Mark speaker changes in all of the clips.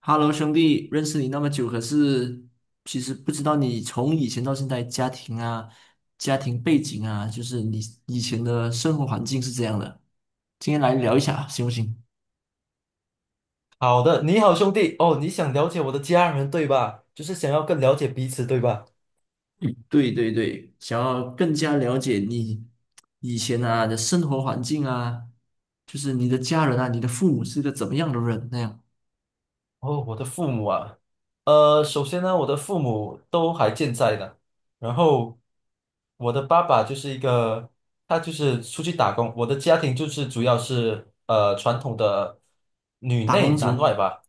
Speaker 1: Hello，兄弟，认识你那么久，可是其实不知道你从以前到现在家庭啊、家庭背景啊，就是你以前的生活环境是这样的。今天来聊一下，行不行？
Speaker 2: 好的，你好兄弟哦，你想了解我的家人对吧？就是想要更了解彼此对吧？
Speaker 1: 对对对，想要更加了解你以前啊的生活环境啊，就是你的家人啊，你的父母是个怎么样的人那样？
Speaker 2: 哦，我的父母啊，首先呢，我的父母都还健在的，然后我的爸爸就是一个，他就是出去打工，我的家庭就是主要是传统的女
Speaker 1: 打工
Speaker 2: 内男
Speaker 1: 族。
Speaker 2: 外吧，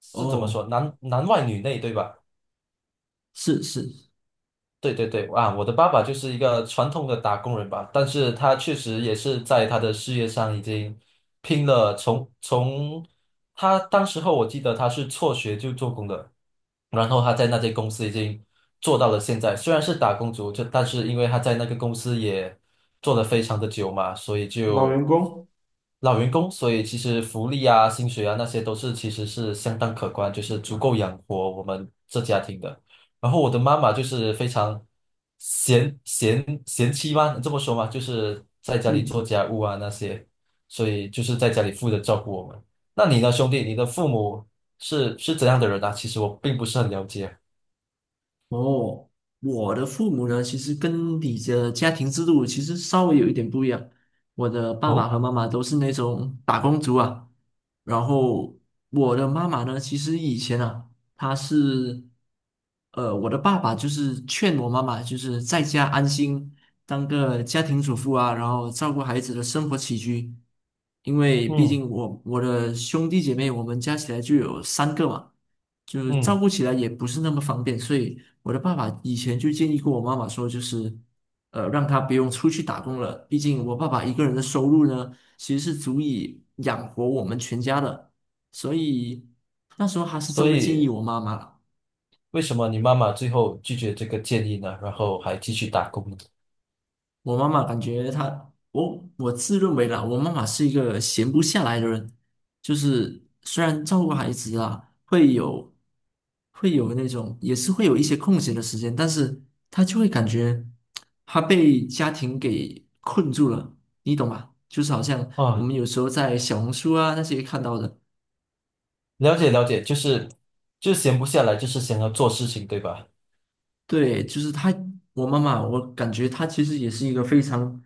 Speaker 2: 是怎么说？
Speaker 1: 哦，
Speaker 2: 男男外女内对吧？
Speaker 1: 是是。
Speaker 2: 对对对，啊，我的爸爸就是一个传统的打工人吧，但是他确实也是在他的事业上已经拼了从他当时候我记得他是辍学就做工的，然后他在那间公司已经做到了现在，虽然是打工族，就但是因为他在那个公司也做得非常的久嘛，所以
Speaker 1: 老
Speaker 2: 就
Speaker 1: 员工。
Speaker 2: 老员工，所以其实福利啊、薪水啊那些都是其实是相当可观，就是足够养活我们这家庭的。然后我的妈妈就是非常贤妻吗？这么说吗？就是在家里做
Speaker 1: 嗯。
Speaker 2: 家务啊那些，所以就是在家里负责照顾我们。那你呢，兄弟？你的父母是怎样的人啊？其实我并不是很了解。
Speaker 1: 哦，我的父母呢，其实跟你的家庭制度其实稍微有一点不一样。我的爸爸
Speaker 2: 哦，
Speaker 1: 和妈妈都是那种打工族啊，然后我的妈妈呢，其实以前啊，她是，我的爸爸就是劝我妈妈，就是在家安心当个家庭主妇啊，然后照顾孩子的生活起居，因为毕
Speaker 2: 嗯
Speaker 1: 竟我的兄弟姐妹，我们加起来就有三个嘛。就是照
Speaker 2: 嗯，
Speaker 1: 顾起来也不是那么方便，所以我的爸爸以前就建议过我妈妈说，就是让她不用出去打工了，毕竟我爸爸一个人的收入呢，其实是足以养活我们全家的，所以那时候还是这
Speaker 2: 所
Speaker 1: 么建
Speaker 2: 以
Speaker 1: 议我妈妈了。
Speaker 2: 为什么你妈妈最后拒绝这个建议呢？然后还继续打工呢？
Speaker 1: 我妈妈感觉她，我自认为啦，我妈妈是一个闲不下来的人，就是虽然照顾孩子啊，会有那种，也是会有一些空闲的时间，但是她就会感觉她被家庭给困住了，你懂吗？就是好像我
Speaker 2: 啊，
Speaker 1: 们有时候在小红书啊那些看到的。
Speaker 2: 了解了解，就是就闲不下来，就是想要做事情，对吧？
Speaker 1: 对，就是他，我妈妈，我感觉她其实也是一个非常，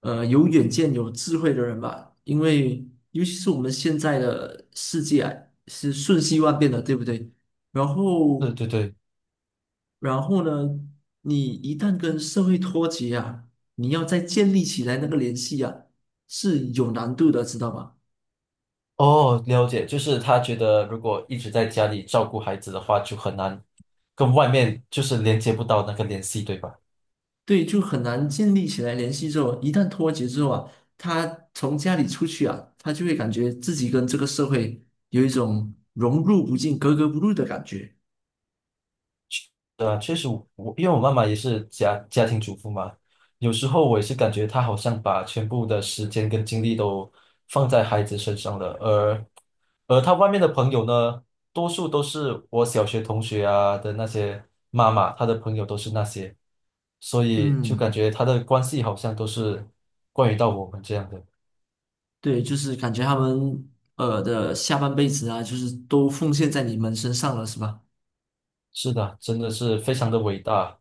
Speaker 1: 有远见、有智慧的人吧。因为尤其是我们现在的世界啊，是瞬息万变的，对不对？然后，
Speaker 2: 对对对。
Speaker 1: 然后呢，你一旦跟社会脱节啊，你要再建立起来那个联系啊，是有难度的，知道吗？
Speaker 2: 哦，了解，就是他觉得如果一直在家里照顾孩子的话，就很难跟外面就是连接不到那个联系，对吧？
Speaker 1: 对，就很难建立起来联系之后，一旦脱节之后啊，他从家里出去啊，他就会感觉自己跟这个社会有一种融入不进、格格不入的感觉。
Speaker 2: 对啊，确实我，我因为我妈妈也是家庭主妇嘛，有时候我也是感觉她好像把全部的时间跟精力都放在孩子身上了，而她外面的朋友呢，多数都是我小学同学啊的那些妈妈，她的朋友都是那些，所以就
Speaker 1: 嗯。
Speaker 2: 感觉她的关系好像都是关于到我们这样的。
Speaker 1: 对，就是感觉他们的下半辈子啊，就是都奉献在你们身上了，是吧？
Speaker 2: 是的，真的是非常的伟大。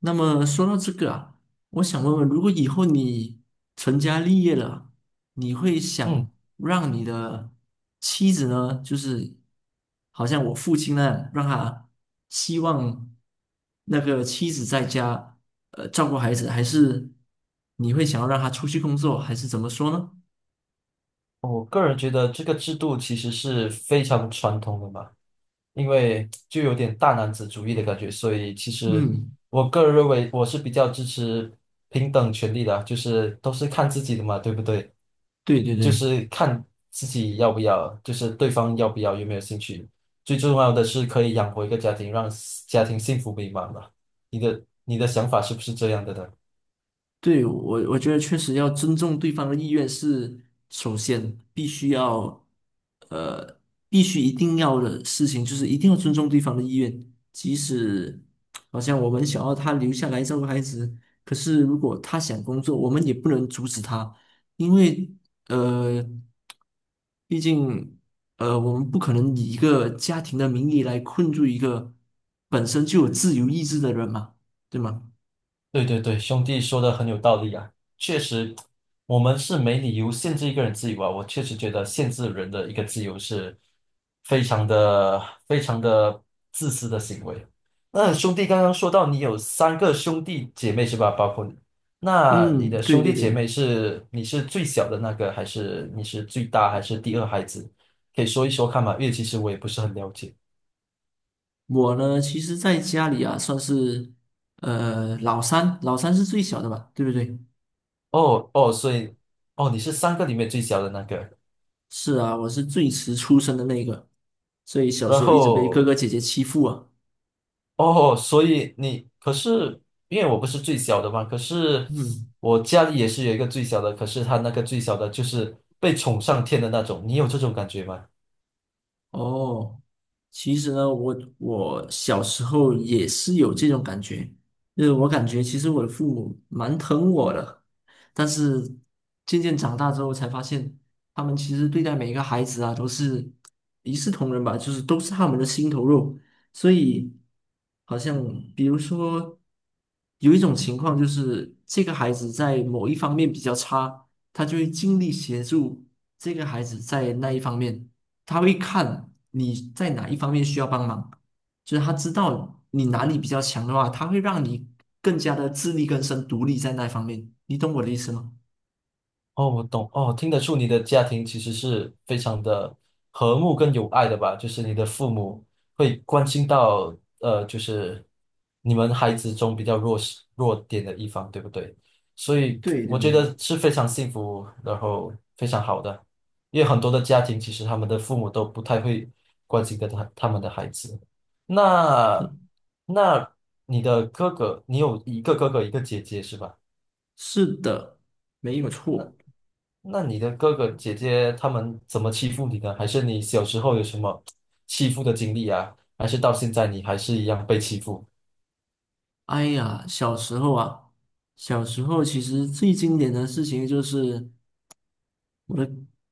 Speaker 1: 那么说到这个啊，我想问问，如果以后你成家立业了，你会
Speaker 2: 嗯，
Speaker 1: 想让你的妻子呢，就是好像我父亲那样，让他希望那个妻子在家照顾孩子，还是你会想要让他出去工作，还是怎么说呢？
Speaker 2: 我个人觉得这个制度其实是非常传统的嘛，因为就有点大男子主义的感觉，所以其实
Speaker 1: 嗯，
Speaker 2: 我个人认为我是比较支持平等权利的啊，就是都是看自己的嘛，对不对？
Speaker 1: 对对
Speaker 2: 就
Speaker 1: 对。
Speaker 2: 是看自己要不要，就是对方要不要，有没有兴趣。最重要的是可以养活一个家庭，让家庭幸福美满嘛。你的想法是不是这样的呢？
Speaker 1: 对，我觉得确实要尊重对方的意愿是首先必须要，呃，必须一定要的事情就是一定要尊重对方的意愿，即使好像我们想要他留下来照顾孩子，可是如果他想工作，我们也不能阻止他，因为呃，毕竟我们不可能以一个家庭的名义来困住一个本身就有自由意志的人嘛，对吗？
Speaker 2: 对对对，兄弟说的很有道理啊，确实，我们是没理由限制一个人自由啊。我确实觉得限制人的一个自由是非常的自私的行为。那兄弟刚刚说到你有三个兄弟姐妹是吧？包括你，那你
Speaker 1: 嗯，
Speaker 2: 的
Speaker 1: 对
Speaker 2: 兄弟
Speaker 1: 对
Speaker 2: 姐
Speaker 1: 对。
Speaker 2: 妹是你是最小的那个，还是你是最大，还是第二孩子？可以说一说看嘛，因为其实我也不是很了解。
Speaker 1: 我呢，其实在家里啊，算是老三，老三是最小的吧，对不对？
Speaker 2: 哦哦，所以哦，你是三个里面最小的那个。
Speaker 1: 是啊，我是最迟出生的那个，所以小
Speaker 2: 然
Speaker 1: 时候一直被哥
Speaker 2: 后
Speaker 1: 哥姐姐欺负啊。
Speaker 2: 哦，所以你可是因为我不是最小的嘛，可是
Speaker 1: 嗯。
Speaker 2: 我家里也是有一个最小的，可是他那个最小的就是被宠上天的那种，你有这种感觉吗？
Speaker 1: 哦，其实呢，我小时候也是有这种感觉，就是我感觉其实我的父母蛮疼我的，但是渐渐长大之后才发现，他们其实对待每一个孩子啊都是一视同仁吧，就是都是他们的心头肉，所以好像比如说有一种情况就是这个孩子在某一方面比较差，他就会尽力协助这个孩子在那一方面。他会看你在哪一方面需要帮忙，就是他知道你哪里比较强的话，他会让你更加的自力更生、独立在那方面。你懂我的意思吗？
Speaker 2: 哦，我懂哦，听得出你的家庭其实是非常的和睦跟友爱的吧？就是你的父母会关心到就是你们孩子中比较弱势弱点的一方，对不对？所以
Speaker 1: 对对
Speaker 2: 我觉
Speaker 1: 对，
Speaker 2: 得是非常幸福，然后非常好的，因为很多的家庭其实他们的父母都不太会关心跟他们的孩子。那那你的哥哥，你有一个哥哥一个姐姐是吧？
Speaker 1: 是的，没有错。
Speaker 2: 那你的哥哥姐姐他们怎么欺负你的？还是你小时候有什么欺负的经历啊？还是到现在你还是一样被欺负？
Speaker 1: 哎呀，小时候啊，小时候其实最经典的事情就是。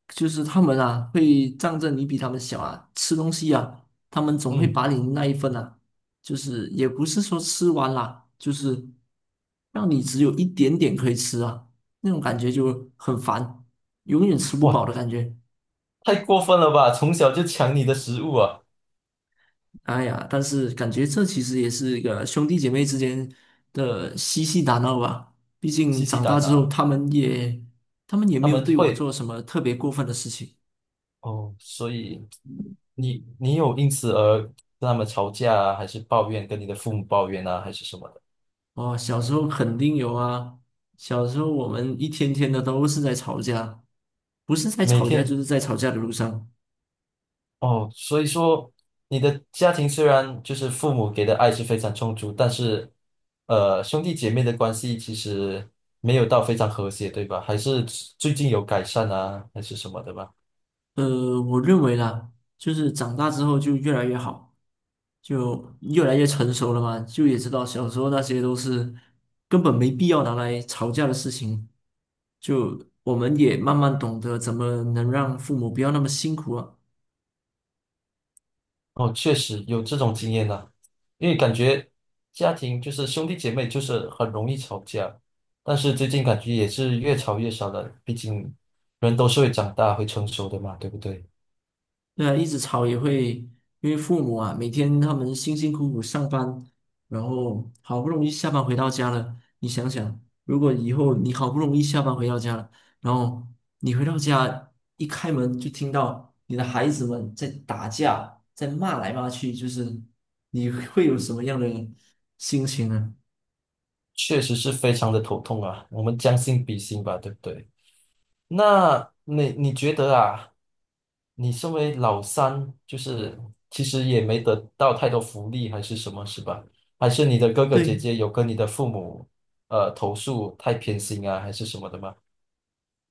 Speaker 1: 就是他们啊，会仗着你比他们小啊，吃东西啊，他们总会
Speaker 2: 嗯，
Speaker 1: 把你那一份啊，就是也不是说吃完啦，就是让你只有一点点可以吃啊，那种感觉就很烦，永远吃不饱
Speaker 2: 哇，
Speaker 1: 的感觉。
Speaker 2: 太过分了吧！从小就抢你的食物啊，
Speaker 1: 哎呀，但是感觉这其实也是一个兄弟姐妹之间的嬉戏打闹吧。毕竟
Speaker 2: 吸吸
Speaker 1: 长大
Speaker 2: 胆
Speaker 1: 之后，
Speaker 2: 啊！
Speaker 1: 他们也
Speaker 2: 他
Speaker 1: 没有
Speaker 2: 们
Speaker 1: 对我
Speaker 2: 会
Speaker 1: 做什么特别过分的事情。
Speaker 2: 哦，所以你你有因此而跟他们吵架啊，还是抱怨跟你的父母抱怨啊，还是什么的？
Speaker 1: 哦，小时候肯定有啊。小时候我们一天天的都是在吵架，不是在
Speaker 2: 每
Speaker 1: 吵架
Speaker 2: 天
Speaker 1: 就是在吵架的路上。
Speaker 2: 哦，所以说你的家庭虽然就是父母给的爱是非常充足，但是兄弟姐妹的关系其实没有到非常和谐，对吧？还是最近有改善啊，还是什么的吧？
Speaker 1: 我认为啦，就是长大之后就越来越好，就越来越成熟了嘛，就也知道小时候那些都是根本没必要拿来吵架的事情。就我们也慢慢懂得怎么能让父母不要那么辛苦啊。
Speaker 2: 哦，确实有这种经验呢，因为感觉家庭就是兄弟姐妹就是很容易吵架，但是最近感觉也是越吵越少了，毕竟人都是会长大会成熟的嘛，对不对？
Speaker 1: 对啊，一直吵也会，因为父母啊，每天他们辛辛苦苦上班，然后好不容易下班回到家了，你想想，如果以后你好不容易下班回到家了，然后你回到家一开门就听到你的孩子们在打架，在骂来骂去，就是你会有什么样的心情呢？
Speaker 2: 确实是非常的头痛啊，我们将心比心吧，对不对？那你你觉得啊，你身为老三，就是其实也没得到太多福利，还是什么，是吧？还是你的哥哥姐
Speaker 1: 对，
Speaker 2: 姐有跟你的父母投诉太偏心啊，还是什么的吗？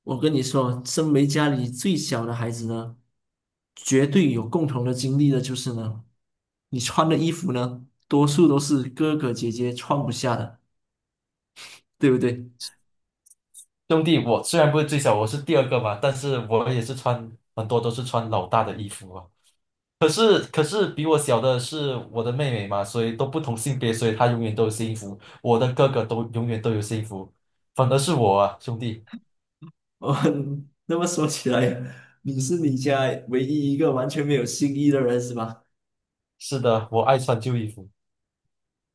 Speaker 1: 我跟你说，身为家里最小的孩子呢，绝对有共同的经历的就是呢，你穿的衣服呢，多数都是哥哥姐姐穿不下的，对不对？
Speaker 2: 兄弟，我虽然不是最小，我是第二个嘛，但是我也是穿很多都是穿老大的衣服啊。可是比我小的是我的妹妹嘛，所以都不同性别，所以她永远都有新衣服，我的哥哥都永远都有新衣服，反而是我啊，兄弟。
Speaker 1: 哦，那么说起来，你是你家唯一一个完全没有新衣的人是吧？
Speaker 2: 是的，我爱穿旧衣服。